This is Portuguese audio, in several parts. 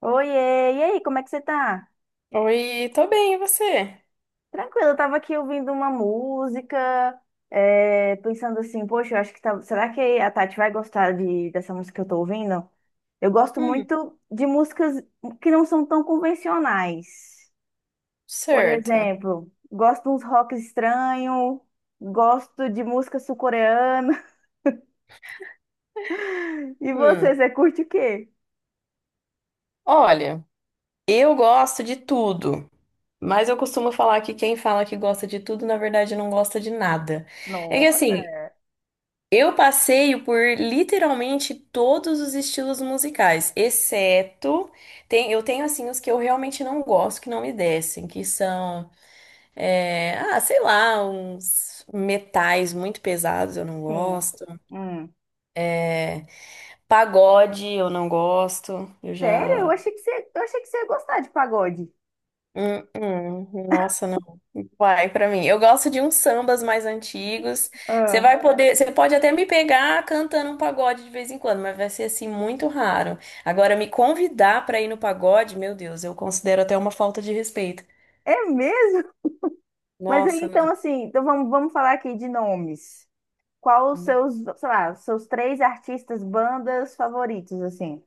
Oiê, e aí, como é que você tá? Oi, tô bem, e você? Tranquilo, eu tava aqui ouvindo uma música, pensando assim, poxa, eu acho que tá, será que a Tati vai gostar dessa música que eu tô ouvindo? Eu gosto Hum, muito de músicas que não são tão convencionais. Por certo. exemplo, gosto de uns rock estranho, gosto de música sul-coreana. E Hum. você curte o quê? Olha, eu gosto de tudo, mas eu costumo falar que quem fala que gosta de tudo, na verdade, não gosta de nada. É que Nossa, assim, eu passeio por literalmente todos os estilos musicais, exceto eu tenho assim os que eu realmente não gosto, que não me descem, que são, é, ah, sei lá, uns metais muito pesados, eu não sim. gosto. Hum. Pagode, eu não gosto. Eu Sério? Eu já. achei que eu achei que você ia gostar de pagode. Nossa, não vai pra mim. Eu gosto de uns sambas mais antigos. Ah. Você pode até me pegar cantando um pagode de vez em quando, mas vai ser assim muito raro. Agora, me convidar pra ir no pagode, meu Deus, eu considero até uma falta de respeito. É mesmo? Mas aí, Nossa, então, não. assim, vamos falar aqui de nomes. Qual os não- seus, sei lá, seus três artistas, bandas favoritos, assim?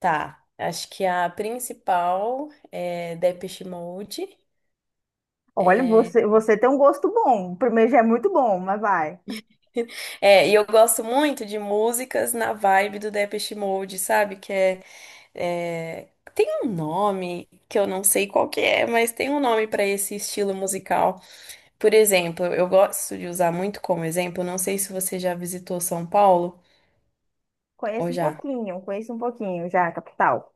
Tá. Acho que a principal é Depeche Mode. Olha, você tem um gosto bom. O primeiro já é muito bom, mas vai. É, e eu gosto muito de músicas na vibe do Depeche Mode, sabe? É, Tem um nome que eu não sei qual que é, mas tem um nome para esse estilo musical. Por exemplo, eu gosto de usar muito como exemplo, não sei se você já visitou São Paulo ou já. Conheço um pouquinho já, Capital.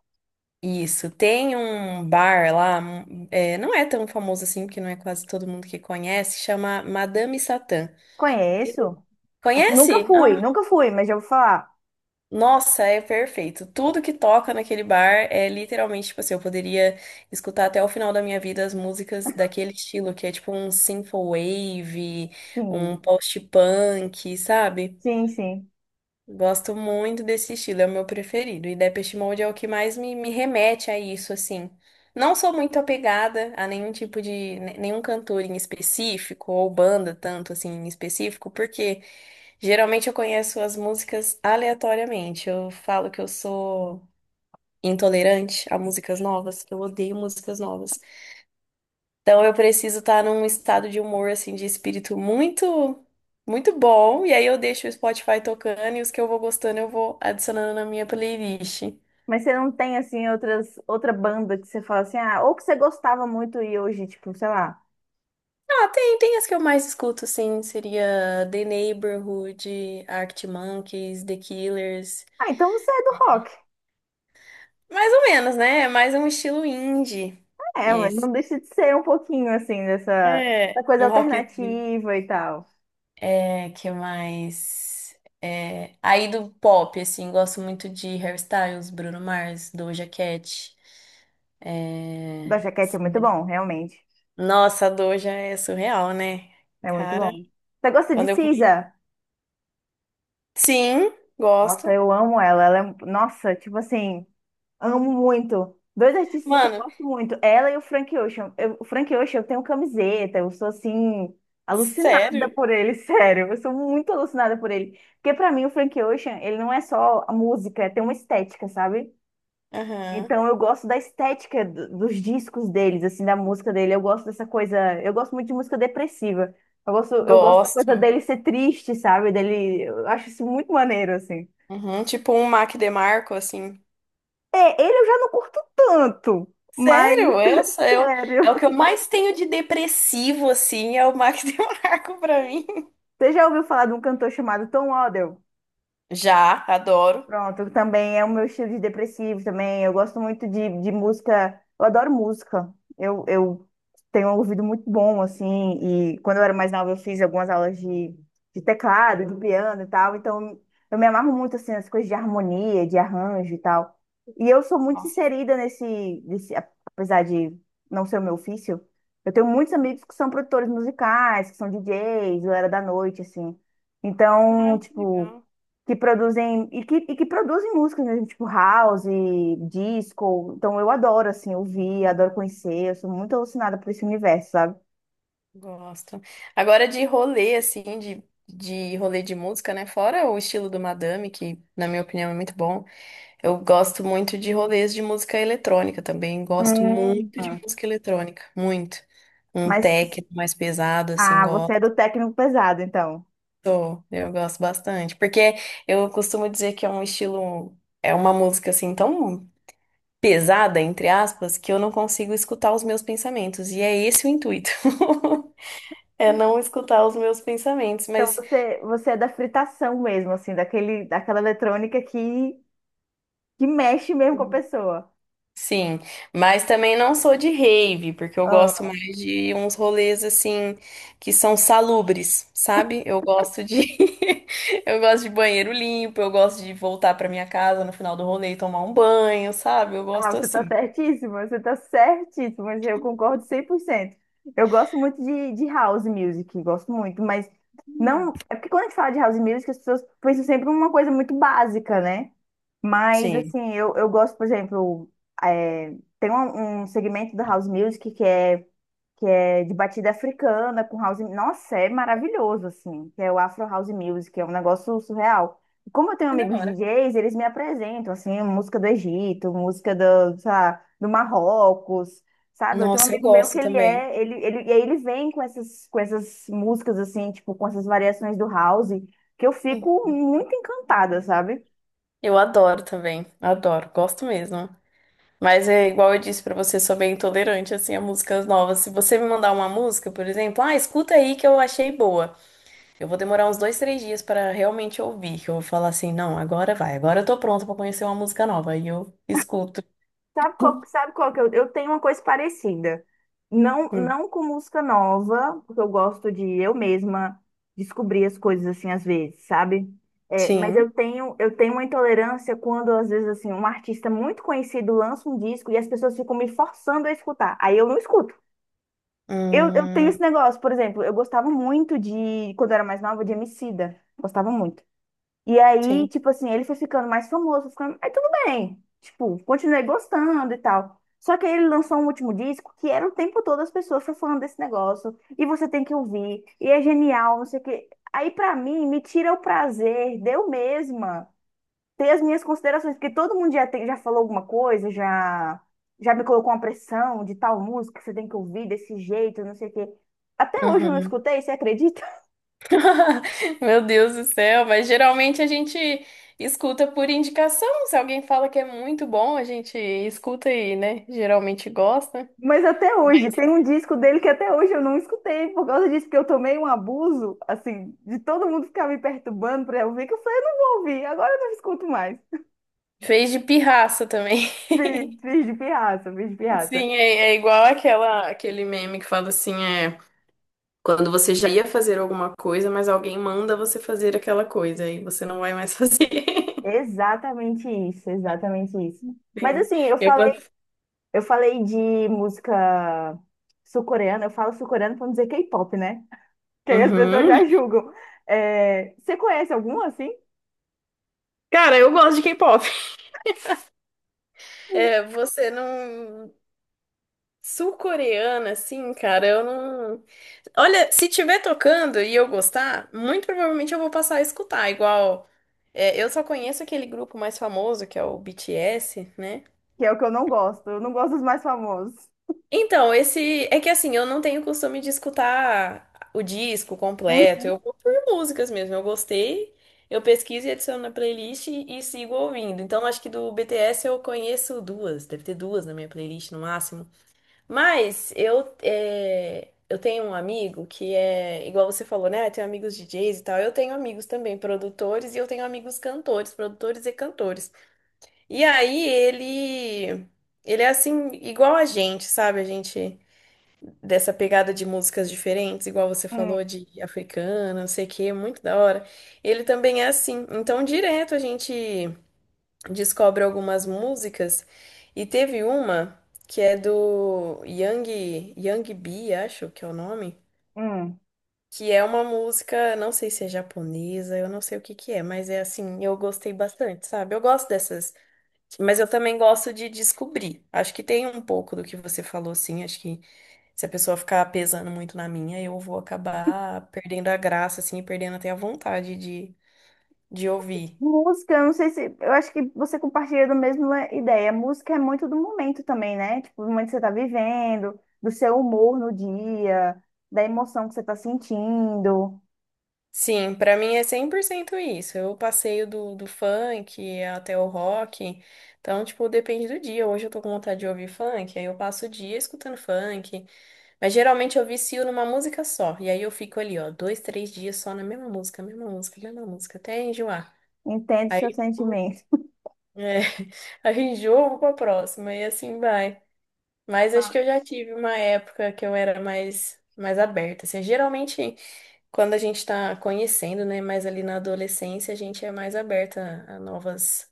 Isso, tem um bar lá, não é tão famoso assim, porque não é quase todo mundo que conhece, chama Madame Satã. E- Conheço. Assim, nunca Conhece? Ah, fui, nunca fui, mas já vou falar. nossa, é perfeito. Tudo que toca naquele bar é literalmente, tipo assim, eu poderia escutar até o final da minha vida as músicas daquele estilo, que é tipo um synth wave, um Sim, post-punk, sabe? sim, sim. Gosto muito desse estilo, é o meu preferido. E Depeche Mode é o que mais me, remete a isso, assim. Não sou muito apegada a nenhum tipo de, nenhum cantor em específico, ou banda tanto assim em específico, porque. Geralmente eu conheço as músicas aleatoriamente. Eu falo que eu sou intolerante a músicas novas. Eu odeio músicas novas. Então eu preciso estar num estado de humor assim de espírito muito muito bom e aí eu deixo o Spotify tocando e os que eu vou gostando eu vou adicionando na minha playlist. Mas você não tem, assim, outra banda que você fala assim, ah, ou que você gostava muito e hoje, tipo, sei lá. Ah, tem as que eu mais escuto, sim. Seria The Neighborhood, Arctic Monkeys, The Killers. Ah, então você é do rock. Mais ou menos, né? É mais um estilo indie. É, mas Esse. não deixa de ser um pouquinho assim dessa, É, da coisa um rockzinho. alternativa e tal. É, que mais? É, aí do pop, assim, gosto muito de Hairstyles, Bruno Mars, Doja Cat. Da É, jaquete é muito bom, realmente. nossa, a Doja é surreal, né? É muito Cara, bom. Você gosta de quando eu conheci. Cisa? Sim, Nossa, gosto. eu amo ela. Ela é, um, nossa, tipo assim, amo muito. Dois artistas que eu Mano, gosto muito, ela e o Frank Ocean. Eu- o Frank Ocean, eu tenho camiseta, eu sou assim alucinada sério? por ele, sério. Eu sou muito alucinada por ele, porque pra mim o Frank Ocean, ele não é só a música, tem uma estética, sabe? Aham. Então eu gosto da estética do- dos discos deles, assim, da música dele. Eu gosto dessa coisa, eu gosto muito de música depressiva. Eu gosto da coisa Gosto. dele ser triste, sabe? Dele, eu acho isso muito maneiro, assim. Uhum, tipo um Mac DeMarco, assim. É, ele eu já não curto tanto, mas Sério, eu sou eu. É sério. o que eu mais tenho de depressivo, assim, é o Mac DeMarco pra mim. Você já ouviu falar de um cantor chamado Tom Odell? Já, adoro. Pronto, também é o meu estilo de depressivo também. Eu gosto muito de música, eu adoro música. Eu tenho um ouvido muito bom, assim, e quando eu era mais nova eu fiz algumas aulas de teclado, de piano e tal, então eu me amarro muito, assim, nas coisas de harmonia, de arranjo e tal. E eu sou muito Nossa. inserida apesar de não ser o meu ofício, eu tenho muitos amigos que são produtores musicais, que são DJs, galera da noite, assim. Ai, Então, que tipo, legal. que produzem e que produzem músicas mesmo, tipo house, disco. Então eu adoro assim ouvir, adoro conhecer, eu sou muito alucinada por esse universo, sabe? Gosto. Agora de rolê, assim, de rolê de música, né? Fora o estilo do Madame, que na minha opinião é muito bom. Eu gosto muito de rolês de música eletrônica também. Gosto muito Tá. de música eletrônica. Muito. Um Mas tech mais pesado, assim, ah, você gosto. é do técnico pesado, então. Eu gosto bastante. Porque eu costumo dizer que é um estilo. É uma música, assim, tão pesada, entre aspas, que eu não consigo escutar os meus pensamentos. E é esse o intuito. É não escutar os meus pensamentos, Então mas você é da fritação mesmo, assim, daquele daquela eletrônica que mexe mesmo com a pessoa. sim, mas também não sou de rave, porque eu gosto mais de uns rolês assim que são salubres, sabe? Eu gosto de eu gosto de banheiro limpo, eu gosto de voltar pra minha casa no final do rolê e tomar um banho, sabe? Eu Ah, gosto você está assim. certíssima, você tá certíssima, mas eu concordo 100%. Eu gosto muito de house music, gosto muito, mas Hum, não, é porque quando a gente fala de house music, as pessoas pensam sempre uma coisa muito básica, né? Mas, Sim. assim, eu gosto, por exemplo, é, tem um segmento da house music que é de batida africana, com house. Nossa, é maravilhoso, assim, que é o Afro House Music, é um negócio surreal. E como eu tenho Que da amigos hora. DJs, eles me apresentam, assim, música do Egito, música do, sei lá, do Marrocos, sabe? Eu tenho um Nossa, eu amigo meu que gosto também. Ele, e aí ele vem com com essas músicas, assim, tipo, com essas variações do house, que eu fico muito encantada, sabe? Eu adoro também, adoro, gosto mesmo. Mas é igual eu disse pra você, sou bem intolerante assim a músicas novas. Se você me mandar uma música, por exemplo, ah, escuta aí que eu achei boa. Eu vou demorar uns dois, três dias pra realmente ouvir, que eu vou falar assim, não, agora vai, agora eu tô pronta pra conhecer uma música nova. E eu escuto. Sabe qual que eu tenho uma coisa parecida. Não, Hum, não com música nova, porque eu gosto de eu mesma descobrir as coisas assim às vezes, sabe? É, mas Sim. Eu tenho uma intolerância quando, às vezes, assim, um artista muito conhecido lança um disco e as pessoas ficam me forçando a escutar. Aí eu não escuto. Eu tenho esse Hum, negócio, por exemplo, eu gostava muito de, quando eu era mais nova, de Emicida. Gostava muito. E aí, sim. tipo assim, ele foi ficando mais famoso, foi ficando, aí tudo bem. Tipo, continuei gostando e tal. Só que aí ele lançou um último disco que era o tempo todo as pessoas só falando desse negócio. E você tem que ouvir. E é genial, não sei o quê. Aí, pra mim, me tira o prazer de eu mesma ter as minhas considerações. Porque todo mundo já, tem, já falou alguma coisa, já, já me colocou uma pressão de tal música que você tem que ouvir desse jeito, não sei o quê. Até hoje eu não Uhum. escutei, você acredita? Meu Deus do céu, mas geralmente a gente escuta por indicação. Se alguém fala que é muito bom, a gente escuta e, né? Geralmente gosta. Mas até hoje, tem um disco dele que até hoje eu não escutei por causa disso, porque eu tomei um abuso, assim, de todo mundo ficar me perturbando pra eu ouvir, que eu falei, eu não vou ouvir, agora eu não escuto mais. Fez de pirraça também. Fiz de pirraça, fiz de pirraça. Sim, é igual aquela, aquele meme que fala assim, é quando você já ia fazer alguma coisa, mas alguém manda você fazer aquela coisa e você não vai mais fazer. Exatamente isso, exatamente isso. Mas Sim, assim, eu... eu falei de música sul-coreana, eu falo sul-coreana pra não dizer K-pop, né? Que aí as pessoas Uhum. já julgam. É, você conhece algum assim? Cara, eu gosto de K-pop. É, você não. Sul-coreana, assim, cara, eu não. Olha, se tiver tocando e eu gostar, muito provavelmente eu vou passar a escutar. Igual, é, eu só conheço aquele grupo mais famoso, que é o BTS, né? Que é o que eu não gosto dos mais famosos. Então, esse. É que assim, eu não tenho costume de escutar o disco Hum, completo. Eu vou por músicas mesmo. Eu gostei, eu pesquiso e adiciono na playlist e sigo ouvindo. Então, acho que do BTS eu conheço duas. Deve ter duas na minha playlist no máximo. Mas eu tenho um amigo que é, igual você falou, né? Tem amigos DJs e tal. Eu tenho amigos também produtores e eu tenho amigos cantores, produtores e cantores. E aí ele é assim, igual a gente, sabe? A gente, dessa pegada de músicas diferentes, igual você hum, falou de africana, não sei o quê, muito da hora. Ele também é assim. Então, direto a gente descobre algumas músicas e teve uma que é do Yang, Yang Bi, acho que é o nome, hum. que é uma música, não sei se é japonesa, eu não sei o que que é, mas é assim, eu gostei bastante, sabe? Eu gosto dessas, mas eu também gosto de descobrir. Acho que tem um pouco do que você falou, assim, acho que se a pessoa ficar pesando muito na minha, eu vou acabar perdendo a graça, assim, e perdendo até a vontade de, ouvir. Música, eu não sei se. Eu acho que você compartilha da mesma ideia. Música é muito do momento também, né? Tipo, do momento que você tá vivendo, do seu humor no dia, da emoção que você tá sentindo. Sim, pra mim é 100% isso. Eu passeio do funk até o rock. Então, tipo, depende do dia. Hoje eu tô com vontade de ouvir funk, aí eu passo o dia escutando funk. Mas geralmente eu vicio numa música só. E aí eu fico ali, ó, dois, três dias só na mesma música, mesma música, mesma música, até enjoar. Entende o Aí, seu tipo, sentimento. é, aí enjoo, eu vou pra próxima e assim vai. Mas acho Tá. que eu já tive uma época que eu era mais aberta. Assim, geralmente. Quando a gente está conhecendo, né, mais ali na adolescência, a gente é mais aberta a novas,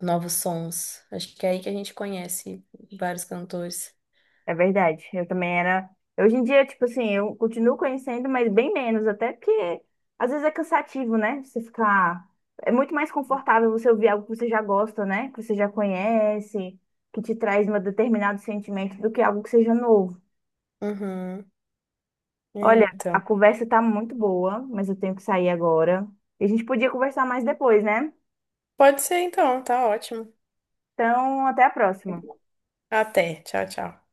novos sons. Acho que é aí que a gente conhece vários cantores. É verdade. Eu também era. Hoje em dia, tipo assim, eu continuo conhecendo, mas bem menos, até porque às vezes é cansativo, né? Você ficar. É muito mais confortável você ouvir algo que você já gosta, né? Que você já conhece, que te traz um determinado sentimento do que algo que seja novo. Uhum. É, Olha, a então. conversa tá muito boa, mas eu tenho que sair agora. E a gente podia conversar mais depois, né? Pode ser então, tá ótimo. Então, até a próxima. Até. Tchau, tchau.